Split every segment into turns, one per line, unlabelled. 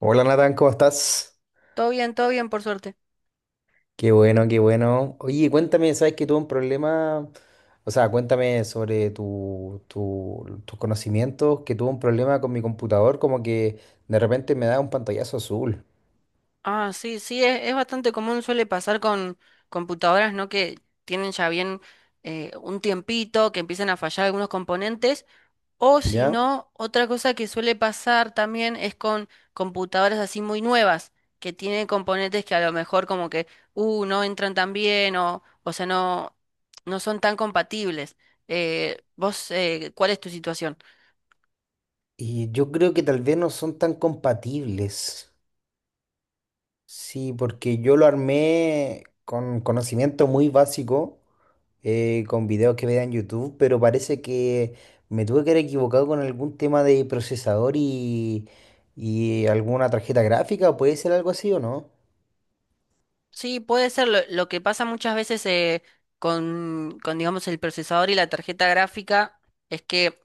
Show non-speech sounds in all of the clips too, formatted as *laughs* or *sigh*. Hola Natán, ¿cómo estás?
Todo bien, por suerte.
Qué bueno, qué bueno. Oye, cuéntame, ¿sabes que tuve un problema? O sea, cuéntame sobre tus conocimientos, que tuve un problema con mi computador, como que de repente me da un pantallazo azul,
Ah, sí, sí, es bastante común, suele pasar con computadoras, ¿no? Que tienen ya bien un tiempito, que empiezan a fallar algunos componentes. O si
¿ya?
no, otra cosa que suele pasar también es con computadoras así muy nuevas, que tienen componentes que a lo mejor como que, no entran tan bien o sea, no, no son tan compatibles. Vos, ¿cuál es tu situación?
Y yo creo que tal vez no son tan compatibles. Sí, porque yo lo armé con conocimiento muy básico. Con videos que veía en YouTube, pero parece que me tuve que haber equivocado con algún tema de procesador y alguna tarjeta gráfica, ¿puede ser algo así o no?
Sí, puede ser lo que pasa muchas veces con, digamos, el procesador y la tarjeta gráfica, es que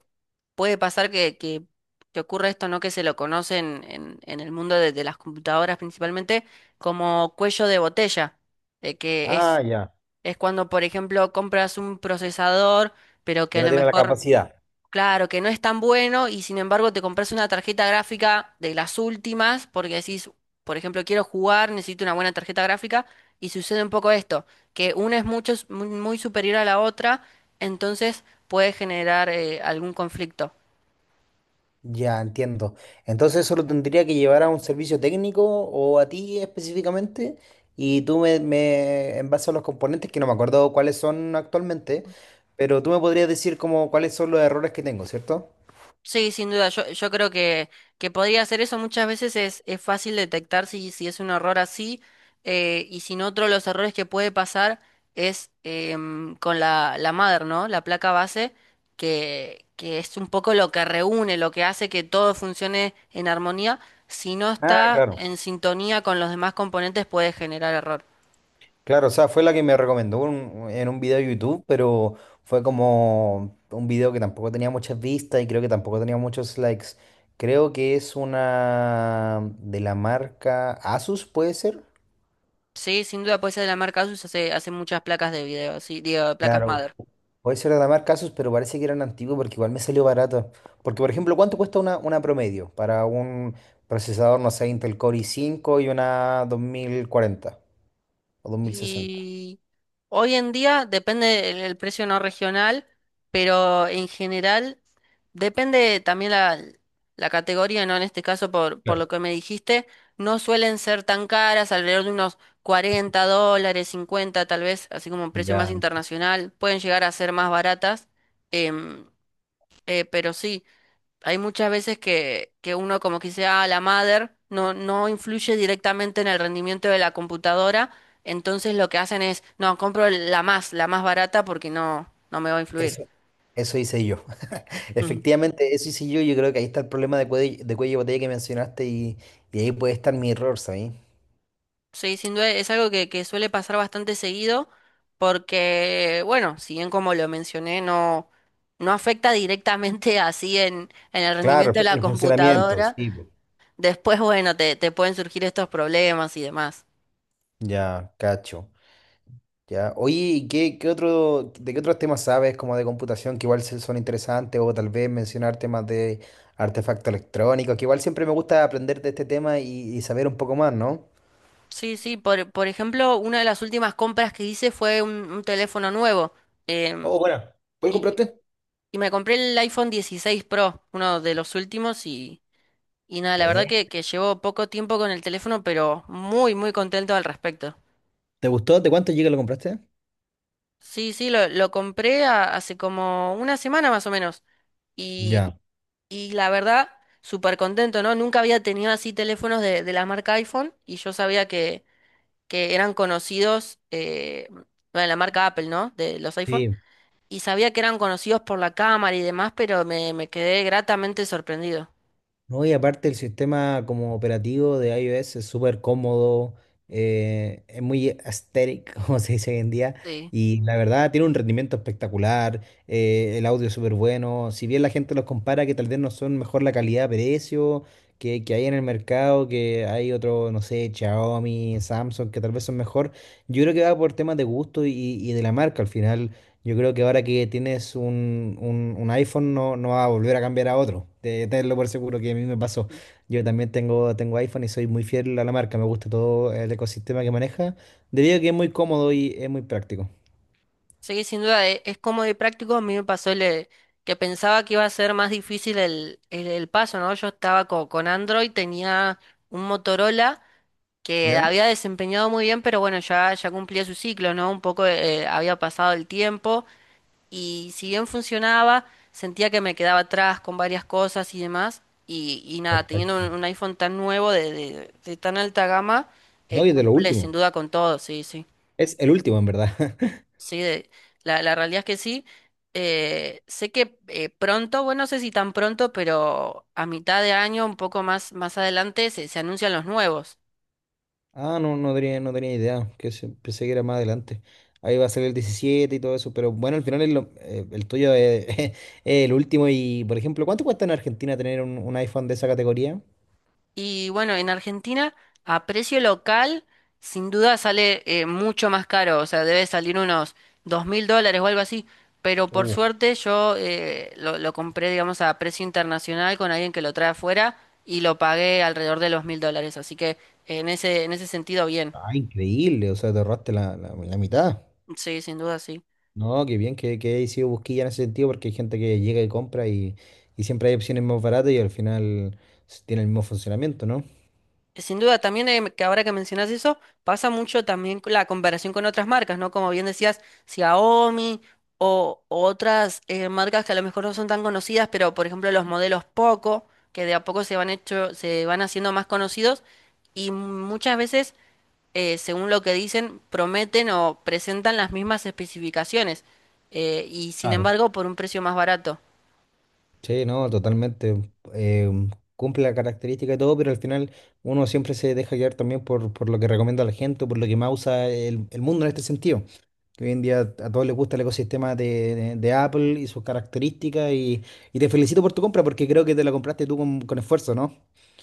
puede pasar que ocurra esto, ¿no? Que se lo conocen en el mundo de las computadoras principalmente como cuello de botella, que
Ah, ya,
es cuando, por ejemplo, compras un procesador, pero que
que
a
no
lo
tiene la
mejor.
capacidad.
Claro, que no es tan bueno y sin embargo te compras una tarjeta gráfica de las últimas porque decís, por ejemplo, quiero jugar, necesito una buena tarjeta gráfica y sucede un poco esto, que una es mucho, muy muy superior a la otra, entonces puede generar algún conflicto.
Ya, entiendo. Entonces eso lo tendría que llevar a un servicio técnico o a ti específicamente, y tú me en base a los componentes, que no me acuerdo cuáles son actualmente, pero tú me podrías decir como cuáles son los errores que tengo, ¿cierto?
Sí, sin duda, yo creo que podría hacer eso. Muchas veces es fácil detectar si es un error así y sin otro los errores que puede pasar es con la mother, ¿no? La placa base, que es un poco lo que reúne, lo que hace que todo funcione en armonía. Si no
Ah,
está
claro.
en sintonía con los demás componentes puede generar error.
Claro, o sea, fue la que me recomendó en un video de YouTube, pero fue como un video que tampoco tenía muchas vistas y creo que tampoco tenía muchos likes. Creo que es una de la marca Asus, ¿puede ser?
Sí, sin duda, puede ser de la marca ASUS hace, hace muchas placas de video, sí, digo, placas
Claro.
mother.
Puede ser de la marca Asus, pero parece que eran antiguos porque igual me salió barato. Porque, por ejemplo, ¿cuánto cuesta una promedio para un procesador, no sé, Intel Core i5 y una 2040 o 2060?
Y hoy en día depende el precio no regional, pero en general depende también la categoría, ¿no? En este caso, por
Claro.
lo que me dijiste, no suelen ser tan caras, alrededor de unos $40, 50 tal vez, así como un precio más
Ya,
internacional, pueden llegar a ser más baratas, em, pero sí hay muchas veces que uno como que sea la madre, no, no influye directamente en el rendimiento de la computadora, entonces lo que hacen es, no, compro la más barata porque no, no me va a influir.
eso, eso hice yo.
Ujú.
Efectivamente, eso sí, yo creo que ahí está el problema de cuello de botella que mencionaste y ahí puede estar mi error, ¿sabes?
Sí, sin duda es algo que suele pasar bastante seguido porque, bueno, si bien como lo mencioné, no, no afecta directamente *laughs* así en el
Claro,
rendimiento de la
el funcionamiento,
computadora,
sí. po.
después, bueno, te pueden surgir estos problemas y demás.
Ya, cacho. Ya. Oye, ¿y qué, otro, de qué otros temas sabes como de computación que igual son interesantes o tal vez mencionar temas de artefactos electrónicos, que igual siempre me gusta aprender de este tema y saber un poco más, ¿no?
Sí, sí, por ejemplo, una de las últimas compras que hice fue un teléfono nuevo. em,
Oh, bueno. ¿Cuál
y,
compraste?
y me compré el iPhone 16 Pro, uno de los últimos, y nada, la verdad
Bueno.
que llevo poco tiempo con el teléfono, pero muy, muy contento al respecto.
¿Te gustó? ¿De cuánto llega lo compraste?
Sí, sí, lo compré hace como una semana más o menos. Y,
Ya.
y la verdad, súper contento, ¿no? Nunca había tenido así teléfonos de la marca iPhone y yo sabía que eran conocidos, bueno, la marca Apple, ¿no? De los iPhone
Sí,
y sabía que eran conocidos por la cámara y demás, pero me quedé gratamente sorprendido.
no, y aparte el sistema como operativo de iOS es súper cómodo, es muy aesthetic, *laughs* como se dice hoy en día,
Sí.
y la verdad tiene un rendimiento espectacular. El audio es súper bueno, si bien la gente los compara que tal vez no son mejor la calidad-precio que hay en el mercado, que hay otro, no sé, Xiaomi, Samsung, que tal vez son mejor, yo creo que va por temas de gusto y de la marca al final. Yo creo que ahora que tienes un, un iPhone no va a volver a cambiar a otro. Tenlo por seguro que a mí me pasó. Yo también tengo iPhone y soy muy fiel a la marca. Me gusta todo el ecosistema que maneja, debido a que es muy cómodo y es muy práctico.
Sí, sin duda, es, cómodo y práctico. A mí me pasó el, que pensaba que iba a ser más difícil el, el paso, ¿no? Yo estaba con, Android, tenía un Motorola que
¿Ya?
había desempeñado muy bien, pero bueno, ya, ya cumplía su ciclo, ¿no? Un poco había pasado el tiempo. Y si bien funcionaba, sentía que me quedaba atrás con varias cosas y demás. Y nada, teniendo
Perfecto.
un iPhone tan nuevo, de, de tan alta gama,
No, y es de lo
cumple sin
último.
duda con todo, sí, sí.
Es el último, en verdad. *laughs*
Sí, la, la realidad es que sí. Sé que pronto, bueno, no sé si tan pronto, pero a mitad de año, un poco más, más adelante, se anuncian los nuevos.
Ah, no, no tenía idea. Que pensé que era más adelante. Ahí va a salir el 17 y todo eso. Pero bueno, al final es el tuyo es, *laughs* es el último. Y, por ejemplo, ¿cuánto cuesta en Argentina tener un, iPhone de esa categoría?
Y bueno, en Argentina, a precio local, sin duda sale mucho más caro, o sea, debe salir unos $2000 o algo así, pero por
Uh,
suerte yo lo compré, digamos, a precio internacional con alguien que lo trae afuera y lo pagué alrededor de los $1000, así que en ese sentido, bien,
Ah, increíble, o sea, te ahorraste la, la mitad.
sí.
No, qué bien que he sido busquilla en ese sentido, porque hay gente que llega y compra y siempre hay opciones más baratas y al final tiene el mismo funcionamiento, ¿no?
Sin duda, también que ahora que mencionas eso, pasa mucho también con la comparación con otras marcas, ¿no? Como bien decías, Xiaomi o otras marcas que a lo mejor no son tan conocidas, pero por ejemplo los modelos Poco, que de a poco se van hecho, se van haciendo más conocidos y muchas veces, según lo que dicen, prometen o presentan las mismas especificaciones y sin
Claro.
embargo por un precio más barato.
Sí, no, totalmente. eh, Cumple la característica y todo, pero al final uno siempre se deja guiar también por lo que recomienda la gente, por lo que más usa el mundo en este sentido. Que hoy en día a todos les gusta el ecosistema de, de Apple y sus características y te felicito por tu compra porque creo que te la compraste tú con esfuerzo, ¿no?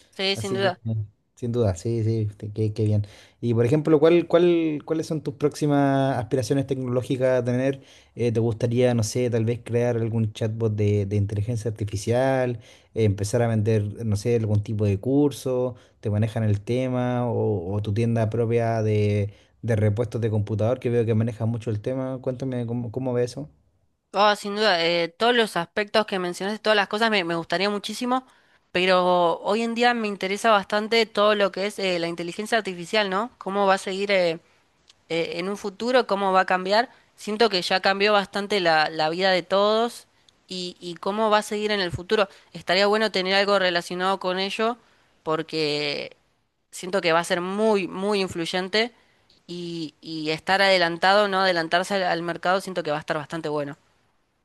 Sí, sin
Así que,
duda.
Sin duda, sí, sí, qué bien. Y por ejemplo, cuáles son tus próximas aspiraciones tecnológicas a tener? ¿Te gustaría, no sé, tal vez crear algún chatbot de inteligencia artificial, empezar a vender, no sé, algún tipo de curso, te manejan el tema, o tu tienda propia de, repuestos de computador, que veo que manejas mucho el tema? Cuéntame cómo ves eso.
Oh, sin duda, todos los aspectos que mencionaste, todas las cosas me, me gustaría muchísimo, pero hoy en día me interesa bastante todo lo que es la inteligencia artificial, ¿no? ¿Cómo va a seguir en un futuro? ¿Cómo va a cambiar? Siento que ya cambió bastante la, la vida de todos y cómo va a seguir en el futuro. Estaría bueno tener algo relacionado con ello porque siento que va a ser muy, muy influyente y estar adelantado, no adelantarse al mercado, siento que va a estar bastante bueno.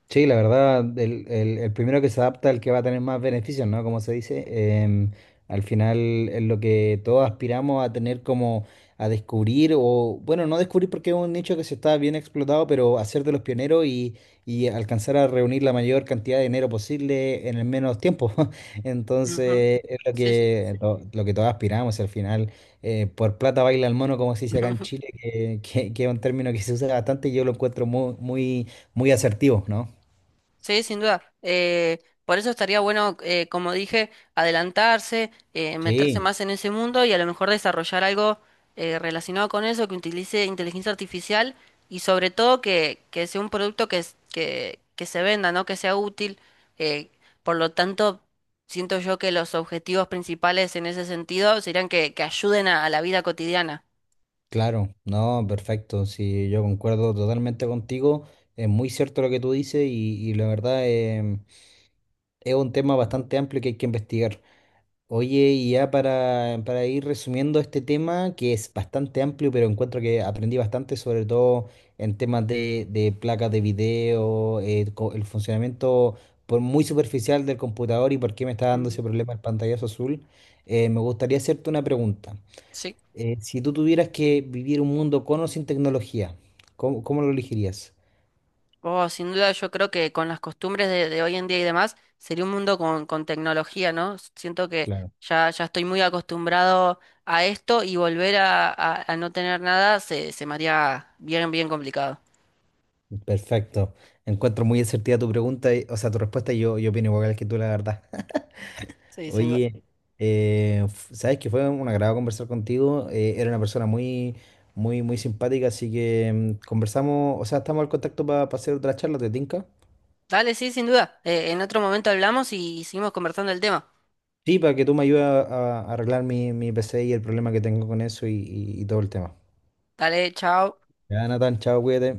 Sí, la verdad, el, el primero que se adapta, el que va a tener más beneficios, ¿no? Como se dice, em, al final es lo que todos aspiramos a tener como a descubrir, o bueno, no descubrir porque es un nicho que se está bien explotado, pero hacer de los pioneros y alcanzar a reunir la mayor cantidad de dinero posible en el menos tiempo. *laughs*
Ujú.
Entonces, es
Sí, sí.
lo que todos aspiramos, al final, por plata baila el mono, como se
*laughs*
dice acá en
Ujú.
Chile, que es un término que se usa bastante y yo lo encuentro muy, muy, muy asertivo, ¿no?
Sí, sin duda. Por eso estaría bueno, como dije, adelantarse, meterse
Sí,
más en ese mundo y a lo mejor desarrollar algo relacionado con eso, que utilice inteligencia artificial y sobre todo que sea un producto que, que se venda, ¿no? Que sea útil. Eh, por lo tanto, siento yo que los objetivos principales en ese sentido serían que ayuden a la vida cotidiana.
claro, no, perfecto. Sí, yo concuerdo totalmente contigo. Es muy cierto lo que tú dices y la verdad es un tema bastante amplio que hay que investigar. Oye, y ya para ir resumiendo este tema, que es bastante amplio, pero encuentro que aprendí bastante, sobre todo en temas de, placas de video, el funcionamiento por muy superficial del computador y por qué me está dando
Ujú.
ese problema el pantallazo azul. Me gustaría hacerte una pregunta.
Sí.
Si tú tuvieras que vivir un mundo con o sin tecnología, ¿cómo lo elegirías?
Oh, sin duda, yo creo que con las costumbres de hoy en día y demás, sería un mundo con tecnología, ¿no? Siento que
Claro.
ya, ya estoy muy acostumbrado a esto y volver a, a no tener nada se, se me haría bien, bien complicado.
Perfecto. Encuentro muy asertiva tu pregunta, o sea, tu respuesta, y yo opino igual que tú, la verdad.
Sí, sin duda.
Oye, sabes que fue un agrado conversar contigo. Era una persona muy, muy, muy simpática, así que conversamos, o sea, estamos al contacto para hacer otra charla, ¿te tinca?
Dale, sí, sin duda. En otro momento hablamos y seguimos conversando el tema.
Sí, para que tú me ayudes a arreglar mi PC y el problema que tengo con eso y todo el tema.
Dale, chao.
Ya, Natán, chao, cuídate.